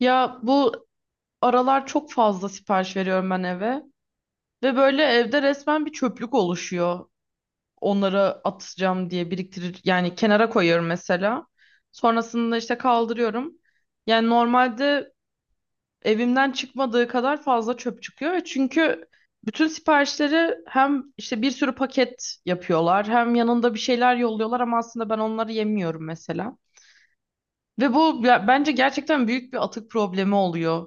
Ya bu aralar çok fazla sipariş veriyorum ben eve ve böyle evde resmen bir çöplük oluşuyor. Onları atacağım diye biriktirir, yani kenara koyuyorum mesela. Sonrasında işte kaldırıyorum. Yani normalde evimden çıkmadığı kadar fazla çöp çıkıyor ve çünkü bütün siparişleri hem işte bir sürü paket yapıyorlar hem yanında bir şeyler yolluyorlar ama aslında ben onları yemiyorum mesela. Ve bu bence gerçekten büyük bir atık problemi oluyor.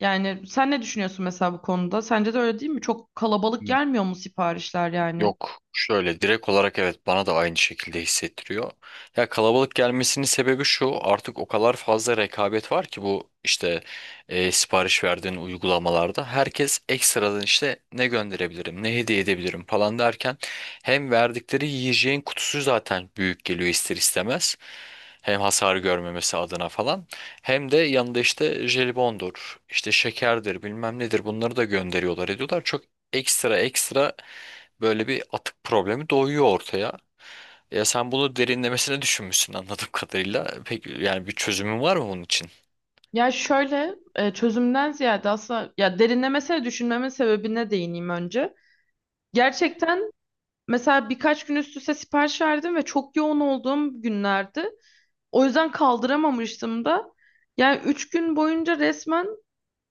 Yani sen ne düşünüyorsun mesela bu konuda? Sence de öyle değil mi? Çok kalabalık Hmm, gelmiyor mu siparişler yani? Yok, şöyle direkt olarak evet, bana da aynı şekilde hissettiriyor. Ya, kalabalık gelmesinin sebebi şu, artık o kadar fazla rekabet var ki bu işte sipariş verdiğin uygulamalarda herkes ekstradan işte ne gönderebilirim, ne hediye edebilirim falan derken hem verdikleri yiyeceğin kutusu zaten büyük geliyor ister istemez. Hem hasar görmemesi adına falan. Hem de yanında işte jelibondur, işte şekerdir, bilmem nedir bunları da gönderiyorlar ediyorlar. Çok ekstra ekstra böyle bir atık problemi doğuyor ortaya. Ya sen bunu derinlemesine düşünmüşsün anladığım kadarıyla. Peki, yani bir çözümün var mı bunun için? Ya şöyle çözümden ziyade aslında, ya, derinlemesine düşünmemin sebebine değineyim önce. Gerçekten mesela birkaç gün üst üste sipariş verdim ve çok yoğun olduğum günlerdi. O yüzden kaldıramamıştım da. Yani 3 gün boyunca resmen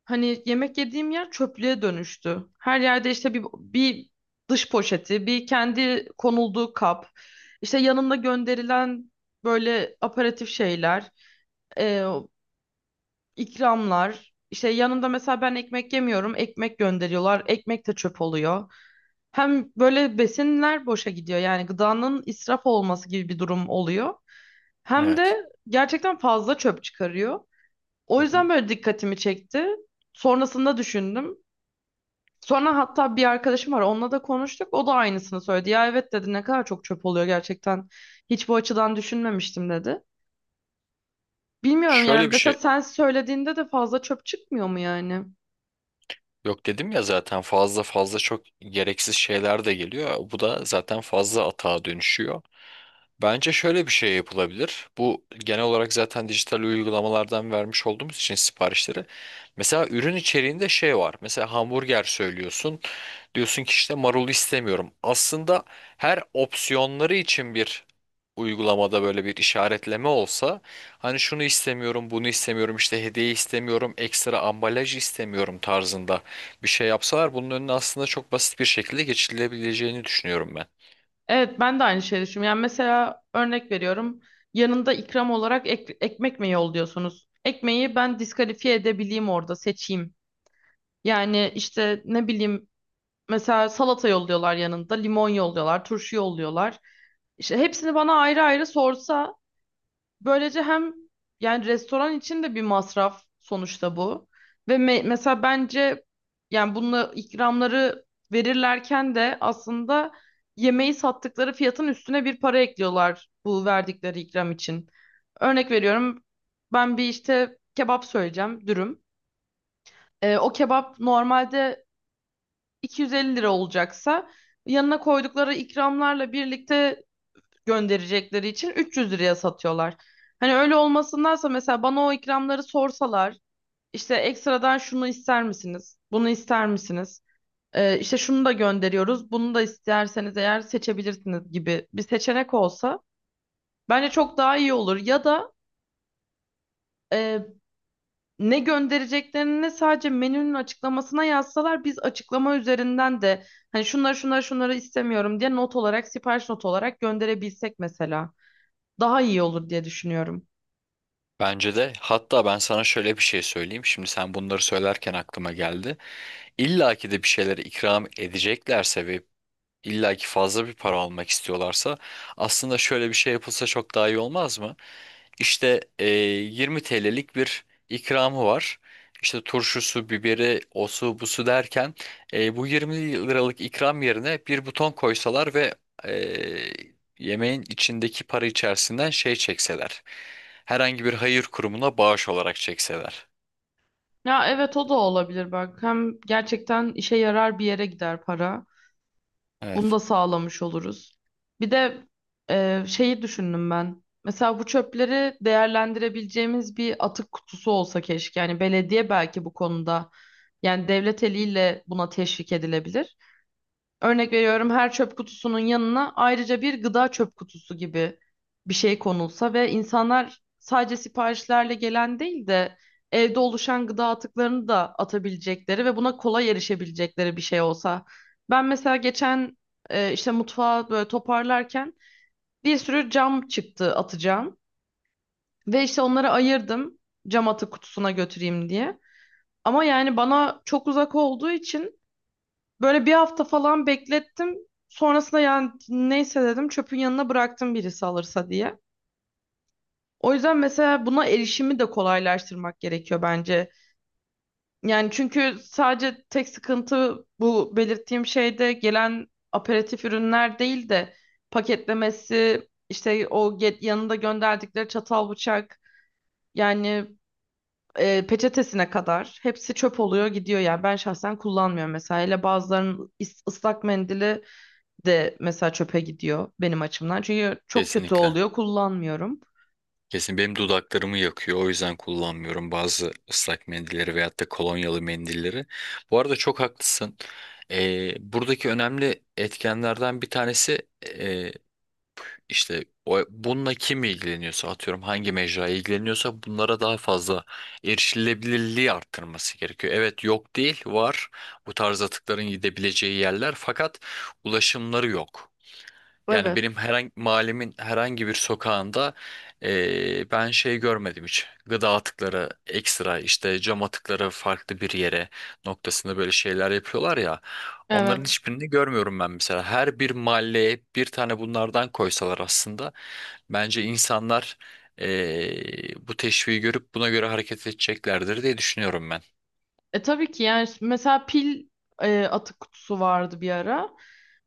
hani yemek yediğim yer çöplüğe dönüştü. Her yerde işte bir dış poşeti, bir kendi konulduğu kap, işte yanında gönderilen böyle aparatif şeyler, e, ikramlar. İşte yanında mesela ben ekmek yemiyorum, ekmek gönderiyorlar, ekmek de çöp oluyor. Hem böyle besinler boşa gidiyor, yani gıdanın israf olması gibi bir durum oluyor. Hem Evet. de gerçekten fazla çöp çıkarıyor. O Hı hı. yüzden böyle dikkatimi çekti. Sonrasında düşündüm. Sonra hatta bir arkadaşım var, onunla da konuştuk. O da aynısını söyledi. Ya, evet dedi, ne kadar çok çöp oluyor gerçekten. Hiç bu açıdan düşünmemiştim dedi. Bilmiyorum yani, Şöyle bir mesela şey, sen söylediğinde de fazla çöp çıkmıyor mu yani? yok dedim ya, zaten fazla fazla çok gereksiz şeyler de geliyor. Bu da zaten fazla atağa dönüşüyor. Bence şöyle bir şey yapılabilir. Bu genel olarak zaten dijital uygulamalardan vermiş olduğumuz için siparişleri. Mesela ürün içeriğinde şey var. Mesela hamburger söylüyorsun. Diyorsun ki işte marul istemiyorum. Aslında her opsiyonları için bir uygulamada böyle bir işaretleme olsa, hani şunu istemiyorum, bunu istemiyorum, işte hediye istemiyorum, ekstra ambalaj istemiyorum tarzında bir şey yapsalar, bunun önüne aslında çok basit bir şekilde geçilebileceğini düşünüyorum ben. Evet, ben de aynı şeyi düşünüyorum. Yani mesela örnek veriyorum. Yanında ikram olarak ekmek mi yolluyorsunuz? Ekmeği ben diskalifiye edebileyim, orada seçeyim. Yani işte ne bileyim, mesela salata yolluyorlar yanında, limon yolluyorlar, turşu yolluyorlar. İşte hepsini bana ayrı ayrı sorsa, böylece hem, yani, restoran için de bir masraf sonuçta bu. Ve mesela bence, yani bununla ikramları verirlerken de aslında yemeği sattıkları fiyatın üstüne bir para ekliyorlar bu verdikleri ikram için. Örnek veriyorum, ben bir işte kebap söyleyeceğim, dürüm. O kebap normalde 250 lira olacaksa yanına koydukları ikramlarla birlikte gönderecekleri için 300 liraya satıyorlar. Hani öyle olmasındansa mesela bana o ikramları sorsalar, işte ekstradan şunu ister misiniz? Bunu ister misiniz? İşte şunu da gönderiyoruz. Bunu da isterseniz eğer seçebilirsiniz gibi bir seçenek olsa bence çok daha iyi olur. Ya da e, ne göndereceklerini sadece menünün açıklamasına yazsalar, biz açıklama üzerinden de hani şunları şunları şunları istemiyorum diye not olarak, sipariş not olarak gönderebilsek mesela daha iyi olur diye düşünüyorum. Bence de. Hatta ben sana şöyle bir şey söyleyeyim. Şimdi sen bunları söylerken aklıma geldi. İlla ki de bir şeyleri ikram edeceklerse ve İlla ki fazla bir para almak istiyorlarsa aslında şöyle bir şey yapılsa çok daha iyi olmaz mı? İşte 20 TL'lik bir ikramı var. İşte turşusu, biberi, osu, busu derken bu 20 liralık ikram yerine bir buton koysalar ve e, yemeğin içindeki para içerisinden şey çekseler. Herhangi bir hayır kurumuna bağış olarak çekseler. Ya evet, o da olabilir, bak hem gerçekten işe yarar bir yere gider para. Bunu Evet, da sağlamış oluruz. Bir de şeyi düşündüm ben. Mesela bu çöpleri değerlendirebileceğimiz bir atık kutusu olsa keşke. Yani belediye belki bu konuda, yani devlet eliyle buna teşvik edilebilir. Örnek veriyorum, her çöp kutusunun yanına ayrıca bir gıda çöp kutusu gibi bir şey konulsa ve insanlar sadece siparişlerle gelen değil de evde oluşan gıda atıklarını da atabilecekleri ve buna kolay erişebilecekleri bir şey olsa. Ben mesela geçen işte mutfağı böyle toparlarken bir sürü cam çıktı, atacağım ve işte onları ayırdım, cam atık kutusuna götüreyim diye. Ama yani bana çok uzak olduğu için böyle bir hafta falan beklettim. Sonrasında yani, neyse dedim, çöpün yanına bıraktım birisi alırsa diye. O yüzden mesela buna erişimi de kolaylaştırmak gerekiyor bence. Yani çünkü sadece tek sıkıntı bu belirttiğim şeyde gelen aperatif ürünler değil de paketlemesi, işte o get yanında gönderdikleri çatal bıçak, yani peçetesine kadar hepsi çöp oluyor gidiyor, yani ben şahsen kullanmıyorum mesela, hele bazılarının ıslak mendili de mesela çöpe gidiyor benim açımdan. Çünkü çok kötü kesinlikle. oluyor, kullanmıyorum. Kesin benim dudaklarımı yakıyor. O yüzden kullanmıyorum bazı ıslak mendilleri veyahut da kolonyalı mendilleri. Bu arada çok haklısın. Buradaki önemli etkenlerden bir tanesi işte o, bununla kim ilgileniyorsa, atıyorum hangi mecra ilgileniyorsa, bunlara daha fazla erişilebilirliği arttırması gerekiyor. Evet, yok değil, var bu tarz atıkların gidebileceği yerler fakat ulaşımları yok. Yani Evet, benim herhangi mahallemin herhangi bir sokağında ben şey görmedim hiç. Gıda atıkları ekstra, işte cam atıkları farklı bir yere noktasında böyle şeyler yapıyorlar ya. Onların evet. hiçbirini görmüyorum ben mesela. Her bir mahalleye bir tane bunlardan koysalar aslında bence insanlar bu teşviği görüp buna göre hareket edeceklerdir diye düşünüyorum ben. E, tabii ki, yani mesela pil atık kutusu vardı bir ara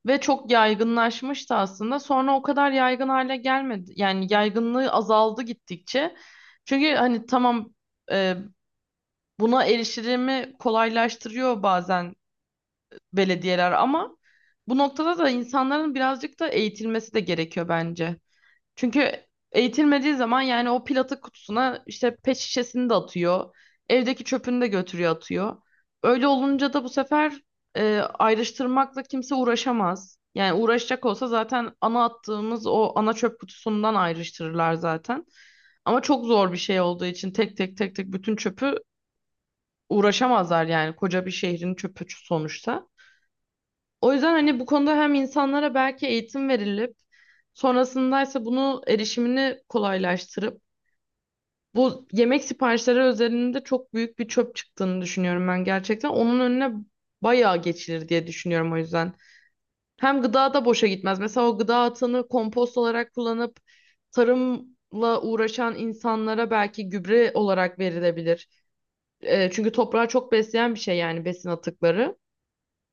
ve çok yaygınlaşmıştı aslında. Sonra o kadar yaygın hale gelmedi. Yani yaygınlığı azaldı gittikçe. Çünkü hani tamam, e, buna erişimi kolaylaştırıyor bazen belediyeler ama bu noktada da insanların birazcık da eğitilmesi de gerekiyor bence. Çünkü eğitilmediği zaman yani o platık kutusuna işte pet şişesini de atıyor. Evdeki çöpünü de götürüyor atıyor. Öyle olunca da bu sefer ayrıştırmakla kimse uğraşamaz. Yani uğraşacak olsa zaten ana attığımız o ana çöp kutusundan ayrıştırırlar zaten. Ama çok zor bir şey olduğu için tek tek bütün çöpü uğraşamazlar, yani koca bir şehrin çöpü sonuçta. O yüzden hani bu konuda hem insanlara belki eğitim verilip sonrasındaysa bunu erişimini kolaylaştırıp bu yemek siparişleri özelinde çok büyük bir çöp çıktığını düşünüyorum ben gerçekten. Onun önüne bayağı geçilir diye düşünüyorum o yüzden. Hem gıda da boşa gitmez. Mesela o gıda atığını kompost olarak kullanıp tarımla uğraşan insanlara belki gübre olarak verilebilir. Çünkü toprağı çok besleyen bir şey, yani besin atıkları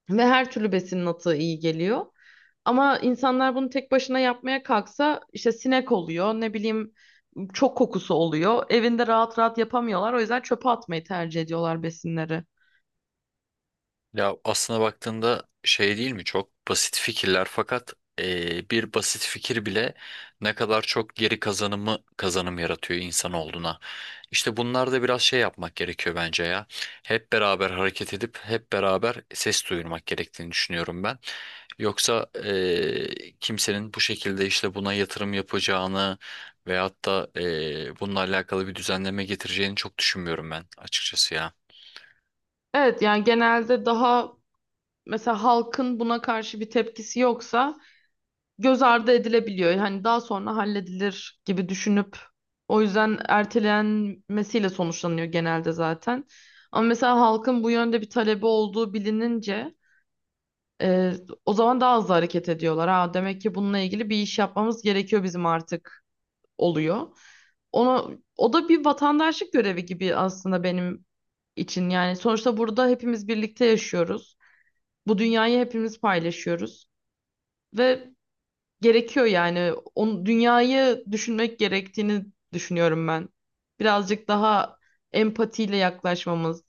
ve her türlü besinin atığı iyi geliyor. Ama insanlar bunu tek başına yapmaya kalksa işte sinek oluyor, ne bileyim çok kokusu oluyor. Evinde rahat rahat yapamıyorlar. O yüzden çöpe atmayı tercih ediyorlar besinleri. Ya, aslına baktığında şey değil mi, çok basit fikirler fakat bir basit fikir bile ne kadar çok geri kazanımı kazanım yaratıyor insan olduğuna. İşte bunlar da biraz şey yapmak gerekiyor bence ya. Hep beraber hareket edip hep beraber ses duyurmak gerektiğini düşünüyorum ben. Yoksa kimsenin bu şekilde işte buna yatırım yapacağını veyahut da bununla alakalı bir düzenleme getireceğini çok düşünmüyorum ben açıkçası ya. Evet, yani genelde daha, mesela halkın buna karşı bir tepkisi yoksa göz ardı edilebiliyor. Hani daha sonra halledilir gibi düşünüp, o yüzden ertelenmesiyle sonuçlanıyor genelde zaten. Ama mesela halkın bu yönde bir talebi olduğu bilinince Ee, o zaman daha hızlı hareket ediyorlar. Ha, demek ki bununla ilgili bir iş yapmamız gerekiyor bizim artık oluyor. Onu, o da bir vatandaşlık görevi gibi aslında benim için. Yani sonuçta burada hepimiz birlikte yaşıyoruz. Bu dünyayı hepimiz paylaşıyoruz. Ve gerekiyor yani. Onu, dünyayı düşünmek gerektiğini düşünüyorum ben. Birazcık daha empatiyle yaklaşmamız,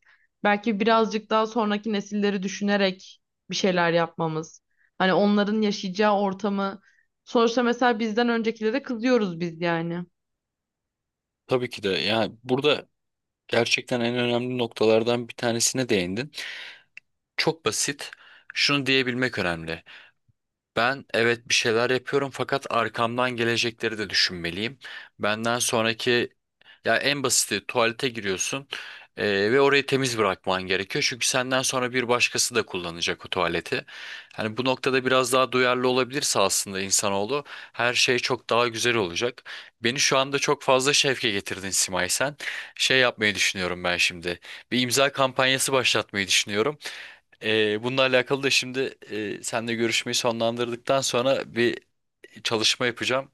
belki birazcık daha sonraki nesilleri düşünerek bir şeyler yapmamız. Hani onların yaşayacağı ortamı. Sonuçta mesela bizden öncekilere kızıyoruz biz yani. Tabii ki de, yani burada gerçekten en önemli noktalardan bir tanesine değindin. Çok basit. Şunu diyebilmek önemli. Ben evet, bir şeyler yapıyorum fakat arkamdan gelecekleri de düşünmeliyim. Benden sonraki, ya en basiti, tuvalete giriyorsun ve orayı temiz bırakman gerekiyor. Çünkü senden sonra bir başkası da kullanacak o tuvaleti. Hani bu noktada biraz daha duyarlı olabilirse aslında insanoğlu, her şey çok daha güzel olacak. Beni şu anda çok fazla şevke getirdin Simay sen. Şey yapmayı düşünüyorum ben şimdi. Bir imza kampanyası başlatmayı düşünüyorum. Bununla alakalı da şimdi seninle görüşmeyi sonlandırdıktan sonra bir çalışma yapacağım.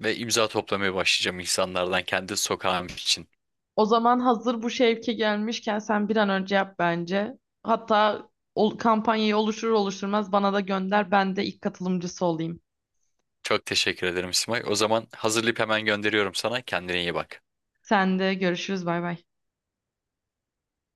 Ve imza toplamaya başlayacağım insanlardan kendi sokağım için. O zaman hazır bu şevke gelmişken sen bir an önce yap bence. Hatta o kampanyayı oluşturmaz bana da gönder. Ben de ilk katılımcısı olayım. Çok teşekkür ederim Simay. O zaman hazırlayıp hemen gönderiyorum sana. Kendine iyi bak. Sen de görüşürüz. Bay bay.